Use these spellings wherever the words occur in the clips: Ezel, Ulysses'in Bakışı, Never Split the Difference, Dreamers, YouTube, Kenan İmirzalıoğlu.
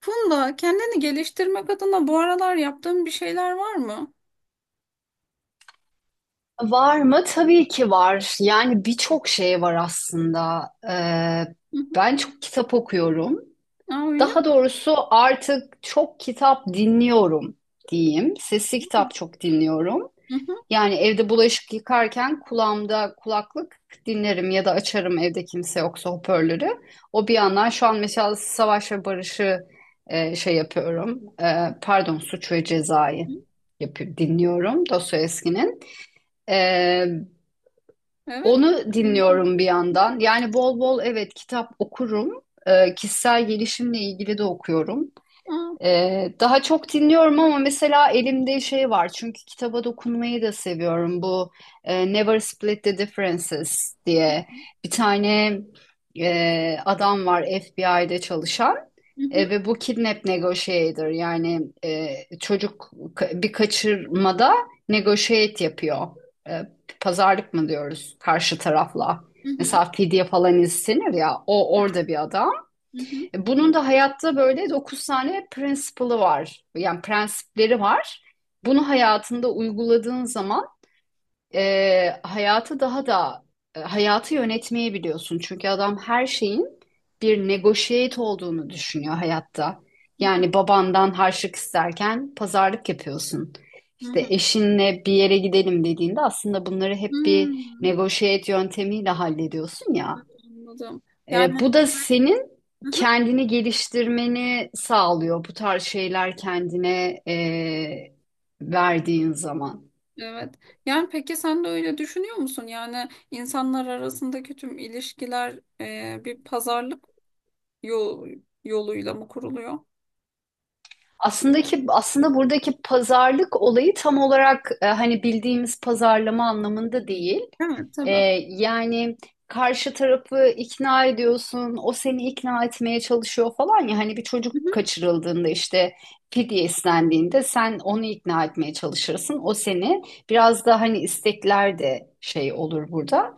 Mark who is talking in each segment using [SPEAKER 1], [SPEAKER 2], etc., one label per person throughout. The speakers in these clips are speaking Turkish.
[SPEAKER 1] Funda, kendini geliştirmek adına bu aralar yaptığın bir şeyler var mı?
[SPEAKER 2] Var mı? Tabii ki var. Yani birçok şey var aslında. Ee,
[SPEAKER 1] Hı hı.
[SPEAKER 2] ben çok kitap okuyorum.
[SPEAKER 1] Aa, öyle
[SPEAKER 2] Daha
[SPEAKER 1] mi?
[SPEAKER 2] doğrusu artık çok kitap dinliyorum diyeyim. Sesli kitap çok dinliyorum.
[SPEAKER 1] Hı hı.
[SPEAKER 2] Yani evde bulaşık yıkarken kulağımda kulaklık dinlerim ya da açarım evde kimse yoksa hoparlörü. O bir yandan şu an mesela Savaş ve Barış'ı şey yapıyorum. Pardon, Suç ve Ceza'yı
[SPEAKER 1] Hı.
[SPEAKER 2] yapıp dinliyorum Dostoyevski'nin. E,
[SPEAKER 1] Evet.
[SPEAKER 2] onu dinliyorum bir yandan. Yani bol bol evet kitap okurum. Kişisel gelişimle ilgili de okuyorum.
[SPEAKER 1] Aa.
[SPEAKER 2] Daha çok dinliyorum ama mesela elimde şey var çünkü kitaba dokunmayı da seviyorum bu Never Split the Differences diye bir tane adam var FBI'de çalışan
[SPEAKER 1] Hı hı.
[SPEAKER 2] ve bu kidnap negotiator yani çocuk bir kaçırmada negotiate yapıyor. E, pazarlık mı diyoruz karşı tarafla
[SPEAKER 1] Hı hı.
[SPEAKER 2] mesela fidye falan istenir ya o orada bir adam.
[SPEAKER 1] Hı hı.
[SPEAKER 2] Bunun da hayatta böyle 9 tane principle'ı var. Yani prensipleri var. Bunu hayatında uyguladığın zaman hayatı daha da hayatı yönetmeyi biliyorsun. Çünkü adam her şeyin bir negotiate olduğunu düşünüyor hayatta.
[SPEAKER 1] Hı hı.
[SPEAKER 2] Yani babandan harçlık isterken pazarlık yapıyorsun.
[SPEAKER 1] Hı
[SPEAKER 2] İşte
[SPEAKER 1] hı.
[SPEAKER 2] eşinle bir yere gidelim dediğinde aslında bunları hep bir
[SPEAKER 1] Hmm.
[SPEAKER 2] negotiate yöntemiyle hallediyorsun ya.
[SPEAKER 1] Anladım.
[SPEAKER 2] E,
[SPEAKER 1] Yani
[SPEAKER 2] bu da senin
[SPEAKER 1] hı hı.
[SPEAKER 2] kendini geliştirmeni sağlıyor bu tarz şeyler kendine verdiğin zaman.
[SPEAKER 1] Evet. Yani peki sen de öyle düşünüyor musun? Yani insanlar arasındaki tüm ilişkiler bir pazarlık yol, yoluyla mı kuruluyor?
[SPEAKER 2] Aslında ki aslında buradaki pazarlık olayı tam olarak hani bildiğimiz pazarlama anlamında değil.
[SPEAKER 1] Evet,
[SPEAKER 2] E,
[SPEAKER 1] tabii. Hı
[SPEAKER 2] yani karşı tarafı ikna ediyorsun, o seni ikna etmeye çalışıyor falan ya hani bir çocuk
[SPEAKER 1] hı.
[SPEAKER 2] kaçırıldığında işte fidye istendiğinde sen onu ikna etmeye çalışırsın, o seni biraz da hani istekler de şey olur burada.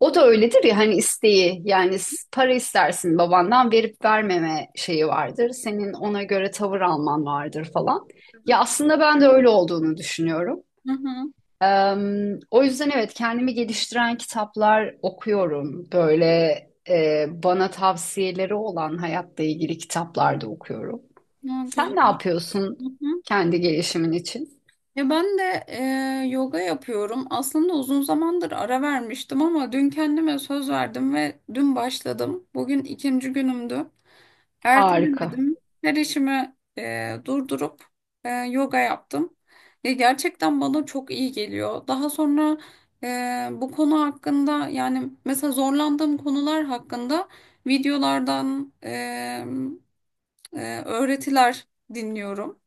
[SPEAKER 2] O da öyledir ya hani isteği yani para istersin babandan verip vermeme şeyi vardır. Senin ona göre tavır alman vardır falan. Ya aslında ben de öyle olduğunu düşünüyorum.
[SPEAKER 1] Hı hı.
[SPEAKER 2] Eee, o yüzden evet kendimi geliştiren kitaplar okuyorum. Böyle bana tavsiyeleri olan hayatla ilgili kitaplar da okuyorum.
[SPEAKER 1] Aa,
[SPEAKER 2] Sen
[SPEAKER 1] güzel.
[SPEAKER 2] ne yapıyorsun
[SPEAKER 1] Hı hı.
[SPEAKER 2] kendi gelişimin için?
[SPEAKER 1] Ya ben de yoga yapıyorum. Aslında uzun zamandır ara vermiştim ama dün kendime söz verdim ve dün başladım. Bugün ikinci günümdü.
[SPEAKER 2] Harika,
[SPEAKER 1] Ertelemedim. Her işimi durdurup yoga yaptım. Ya gerçekten bana çok iyi geliyor. Daha sonra bu konu hakkında yani mesela zorlandığım konular hakkında videolardan öğretiler dinliyorum.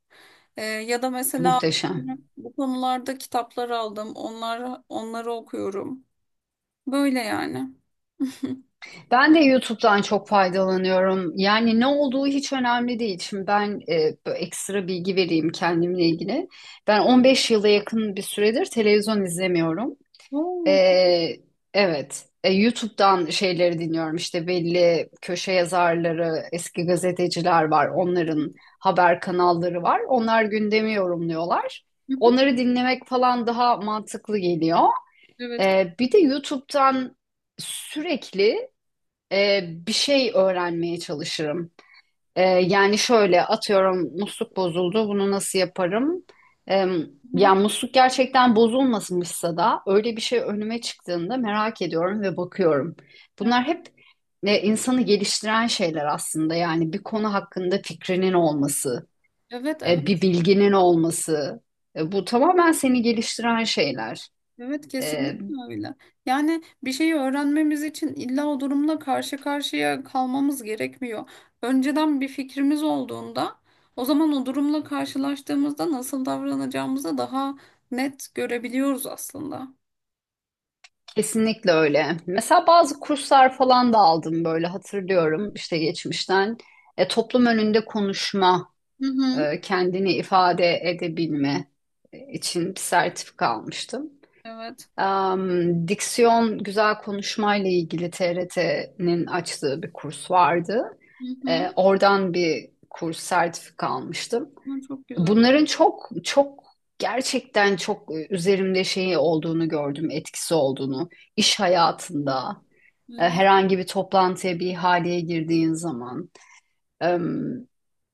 [SPEAKER 1] Ya da mesela
[SPEAKER 2] muhteşem.
[SPEAKER 1] bu konularda kitaplar aldım. Onları okuyorum. Böyle yani.
[SPEAKER 2] Ben de YouTube'dan çok faydalanıyorum. Yani ne olduğu hiç önemli değil. Şimdi ben böyle ekstra bilgi vereyim kendimle ilgili. Ben 15 yıla yakın bir süredir televizyon izlemiyorum.
[SPEAKER 1] Oo.
[SPEAKER 2] E, evet. YouTube'dan şeyleri dinliyorum. İşte belli köşe yazarları, eski gazeteciler var. Onların haber kanalları var. Onlar gündemi yorumluyorlar.
[SPEAKER 1] Hı hı.
[SPEAKER 2] Onları dinlemek falan daha mantıklı geliyor.
[SPEAKER 1] Evet.
[SPEAKER 2] Bir de YouTube'dan sürekli e, bir şey öğrenmeye çalışırım. Yani şöyle atıyorum musluk bozuldu bunu nasıl yaparım? E,
[SPEAKER 1] Hı hı.
[SPEAKER 2] yani musluk gerçekten bozulmamışsa da öyle bir şey önüme çıktığında merak ediyorum ve bakıyorum. Bunlar
[SPEAKER 1] Evet,
[SPEAKER 2] hep insanı geliştiren şeyler aslında yani bir konu hakkında fikrinin olması,
[SPEAKER 1] evet,
[SPEAKER 2] bir
[SPEAKER 1] evet,
[SPEAKER 2] bilginin olması. Bu tamamen seni geliştiren şeyler.
[SPEAKER 1] evet kesinlikle öyle. Yani bir şeyi öğrenmemiz için illa o durumla karşı karşıya kalmamız gerekmiyor. Önceden bir fikrimiz olduğunda o zaman o durumla karşılaştığımızda nasıl davranacağımızı daha net görebiliyoruz aslında.
[SPEAKER 2] Kesinlikle öyle. Mesela bazı kurslar falan da aldım böyle hatırlıyorum işte geçmişten. Toplum önünde konuşma,
[SPEAKER 1] Hı hı.
[SPEAKER 2] kendini ifade edebilme için bir sertifika almıştım.
[SPEAKER 1] Evet.
[SPEAKER 2] Diksiyon güzel konuşmayla ilgili TRT'nin açtığı bir kurs vardı.
[SPEAKER 1] Hı
[SPEAKER 2] E,
[SPEAKER 1] hı.
[SPEAKER 2] oradan bir kurs sertifika almıştım.
[SPEAKER 1] Hı. Çok güzel.
[SPEAKER 2] Bunların çok çok gerçekten çok üzerimde şeyi olduğunu gördüm, etkisi olduğunu iş hayatında. E,
[SPEAKER 1] Hı
[SPEAKER 2] herhangi bir toplantıya, bir ihaleye girdiğin zaman. E,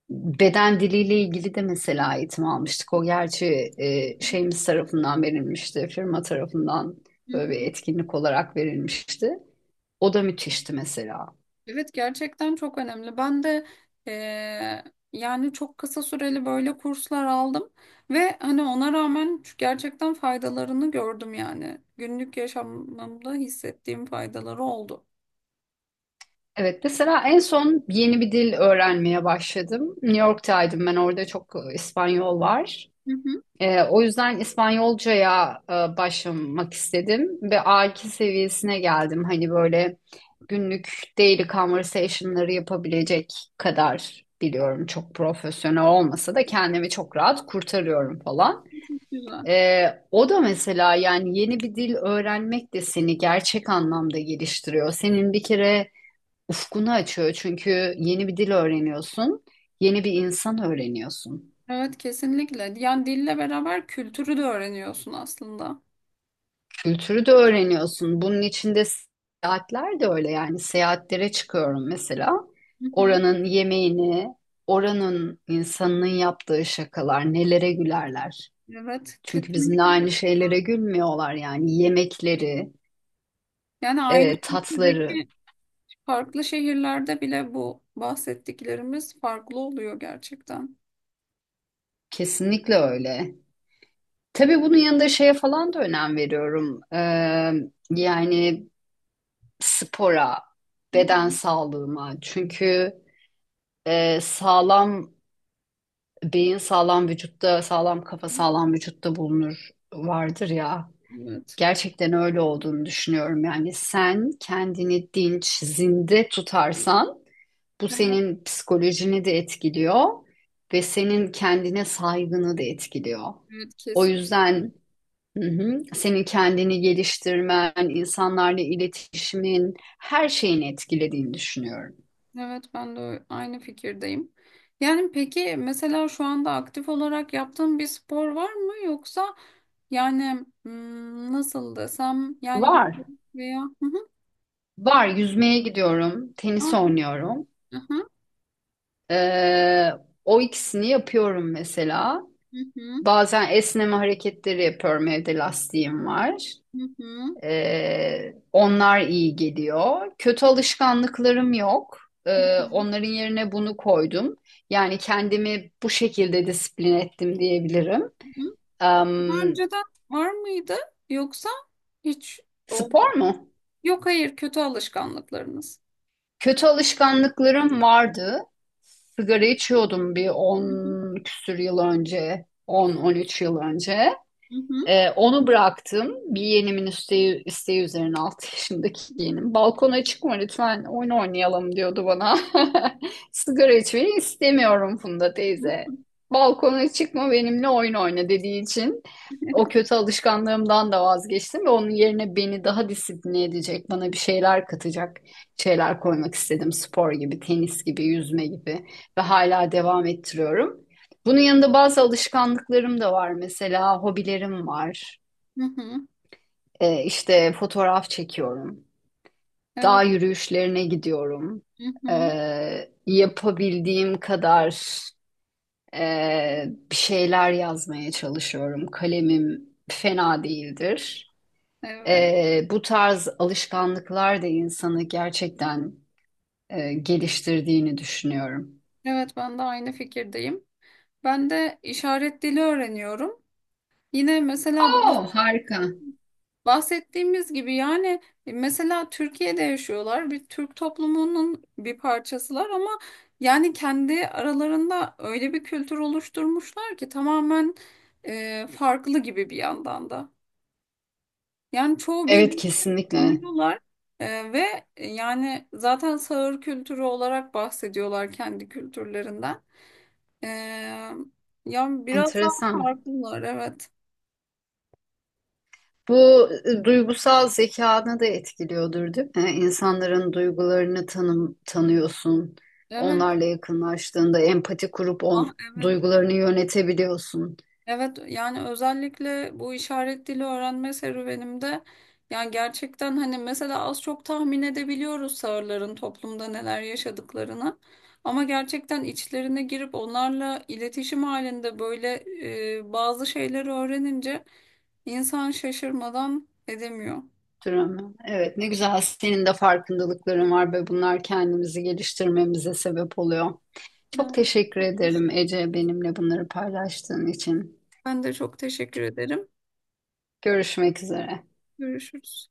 [SPEAKER 2] beden diliyle ilgili de mesela eğitim almıştık. O gerçi şeyimiz tarafından verilmişti, firma tarafından böyle bir
[SPEAKER 1] hı.
[SPEAKER 2] etkinlik olarak verilmişti. O da müthişti mesela.
[SPEAKER 1] Evet gerçekten çok önemli. Ben de eee, yani çok kısa süreli böyle kurslar aldım ve hani ona rağmen gerçekten faydalarını gördüm yani. Günlük yaşamımda hissettiğim faydaları oldu.
[SPEAKER 2] Evet, mesela en son yeni bir dil öğrenmeye başladım. New York'taydım ben, orada çok İspanyol var.
[SPEAKER 1] Hı hı.
[SPEAKER 2] O yüzden İspanyolcaya başlamak istedim ve A2 seviyesine geldim. Hani böyle günlük daily conversation'ları yapabilecek kadar biliyorum. Çok profesyonel olmasa da kendimi çok rahat kurtarıyorum falan.
[SPEAKER 1] Güzel.
[SPEAKER 2] O da mesela yani yeni bir dil öğrenmek de seni gerçek anlamda geliştiriyor. Senin bir kere ufkunu açıyor çünkü yeni bir dil öğreniyorsun, yeni bir insan öğreniyorsun.
[SPEAKER 1] Evet kesinlikle. Yani dille beraber kültürü de öğreniyorsun aslında.
[SPEAKER 2] Kültürü de öğreniyorsun. Bunun içinde seyahatler de öyle yani seyahatlere çıkıyorum mesela.
[SPEAKER 1] Hı hı.
[SPEAKER 2] Oranın yemeğini, oranın insanının yaptığı şakalar, nelere gülerler.
[SPEAKER 1] Evet
[SPEAKER 2] Çünkü bizimle
[SPEAKER 1] kesinlikle.
[SPEAKER 2] aynı şeylere gülmüyorlar yani yemekleri,
[SPEAKER 1] Yani aynı
[SPEAKER 2] tatları
[SPEAKER 1] ülkedeki farklı şehirlerde bile bu bahsettiklerimiz farklı oluyor gerçekten.
[SPEAKER 2] kesinlikle öyle. Tabii bunun yanında şeye falan da önem veriyorum. Yani spora,
[SPEAKER 1] Hı
[SPEAKER 2] beden
[SPEAKER 1] hı.
[SPEAKER 2] sağlığıma. Çünkü sağlam beyin sağlam vücutta, sağlam kafa sağlam vücutta bulunur vardır ya.
[SPEAKER 1] Evet.
[SPEAKER 2] Gerçekten öyle olduğunu düşünüyorum. Yani sen kendini dinç, zinde tutarsan bu
[SPEAKER 1] Evet,
[SPEAKER 2] senin psikolojini de etkiliyor ve senin kendine saygını da etkiliyor.
[SPEAKER 1] evet
[SPEAKER 2] O
[SPEAKER 1] kesin.
[SPEAKER 2] yüzden, hı hı, senin kendini geliştirmen, insanlarla iletişimin, her şeyini etkilediğini düşünüyorum.
[SPEAKER 1] Evet ben de aynı fikirdeyim. Yani peki mesela şu anda aktif olarak yaptığın bir spor var mı yoksa yani nasıl desem yani
[SPEAKER 2] Var.
[SPEAKER 1] yürüyüş veya... Hı hı,
[SPEAKER 2] Var. Yüzmeye gidiyorum,
[SPEAKER 1] hı
[SPEAKER 2] tenis
[SPEAKER 1] hı,
[SPEAKER 2] oynuyorum. Ee, o ikisini yapıyorum mesela.
[SPEAKER 1] hı hı,
[SPEAKER 2] Bazen esneme hareketleri yapıyorum. Evde lastiğim var.
[SPEAKER 1] hı hı,
[SPEAKER 2] Onlar iyi geliyor. Kötü alışkanlıklarım yok.
[SPEAKER 1] hı
[SPEAKER 2] Ee,
[SPEAKER 1] hı,
[SPEAKER 2] onların yerine bunu koydum. Yani kendimi bu şekilde disiplin ettim diyebilirim.
[SPEAKER 1] hı. Daha
[SPEAKER 2] Em,
[SPEAKER 1] önceden var mıydı yoksa hiç olmadı?
[SPEAKER 2] spor mu?
[SPEAKER 1] Yok hayır kötü alışkanlıklarınız.
[SPEAKER 2] Kötü alışkanlıklarım vardı. Sigara içiyordum bir 10
[SPEAKER 1] Hı hı,
[SPEAKER 2] küsür yıl önce, 10-13 yıl önce.
[SPEAKER 1] hı hı,
[SPEAKER 2] Onu bıraktım. Bir yeğenimin isteği üzerine 6 yaşındaki yeğenim. Balkona çıkma lütfen oyun oynayalım diyordu bana. Sigara içmeyi istemiyorum Funda teyze. Balkona çıkma benimle oyun oyna dediği için o kötü alışkanlığımdan da vazgeçtim ve onun yerine beni daha disipline edecek, bana bir şeyler katacak şeyler koymak istedim. Spor gibi, tenis gibi, yüzme gibi ve hala devam ettiriyorum. Bunun yanında bazı alışkanlıklarım da var. Mesela hobilerim var.
[SPEAKER 1] hı hı, hı hı.
[SPEAKER 2] İşte fotoğraf çekiyorum. Dağ
[SPEAKER 1] Evet.
[SPEAKER 2] yürüyüşlerine gidiyorum.
[SPEAKER 1] Hı hı.
[SPEAKER 2] Yapabildiğim kadar e, bir şeyler yazmaya çalışıyorum. Kalemim fena değildir.
[SPEAKER 1] Evet.
[SPEAKER 2] Bu tarz alışkanlıklar da insanı gerçekten geliştirdiğini düşünüyorum.
[SPEAKER 1] Evet ben de aynı fikirdeyim. Ben de işaret dili öğreniyorum. Yine mesela
[SPEAKER 2] Oo, harika.
[SPEAKER 1] bahsettiğimiz gibi yani mesela Türkiye'de yaşıyorlar. Bir Türk toplumunun bir parçasılar ama yani kendi aralarında öyle bir kültür oluşturmuşlar ki tamamen farklı gibi bir yandan da. Yani çoğu
[SPEAKER 2] Evet,
[SPEAKER 1] birbirini
[SPEAKER 2] kesinlikle.
[SPEAKER 1] tanıyorlar ve yani zaten sağır kültürü olarak bahsediyorlar kendi kültürlerinden. Ee, ya biraz daha
[SPEAKER 2] Enteresan.
[SPEAKER 1] farklılar evet.
[SPEAKER 2] Bu duygusal zekanı da etkiliyordur, değil mi? Yani İnsanların duygularını tanıyorsun.
[SPEAKER 1] Evet.
[SPEAKER 2] Onlarla yakınlaştığında empati kurup
[SPEAKER 1] Ah evet.
[SPEAKER 2] duygularını yönetebiliyorsun.
[SPEAKER 1] Evet yani özellikle bu işaret dili öğrenme serüvenimde yani gerçekten hani mesela az çok tahmin edebiliyoruz sağırların toplumda neler yaşadıklarını. Ama gerçekten içlerine girip onlarla iletişim halinde böyle bazı şeyleri öğrenince insan şaşırmadan edemiyor.
[SPEAKER 2] Dramı. Evet, ne güzel senin de farkındalıkların var ve bunlar kendimizi geliştirmemize sebep oluyor. Çok
[SPEAKER 1] Evet.
[SPEAKER 2] teşekkür ederim Ece benimle bunları paylaştığın için.
[SPEAKER 1] Ben de çok teşekkür ederim.
[SPEAKER 2] Görüşmek üzere.
[SPEAKER 1] Görüşürüz.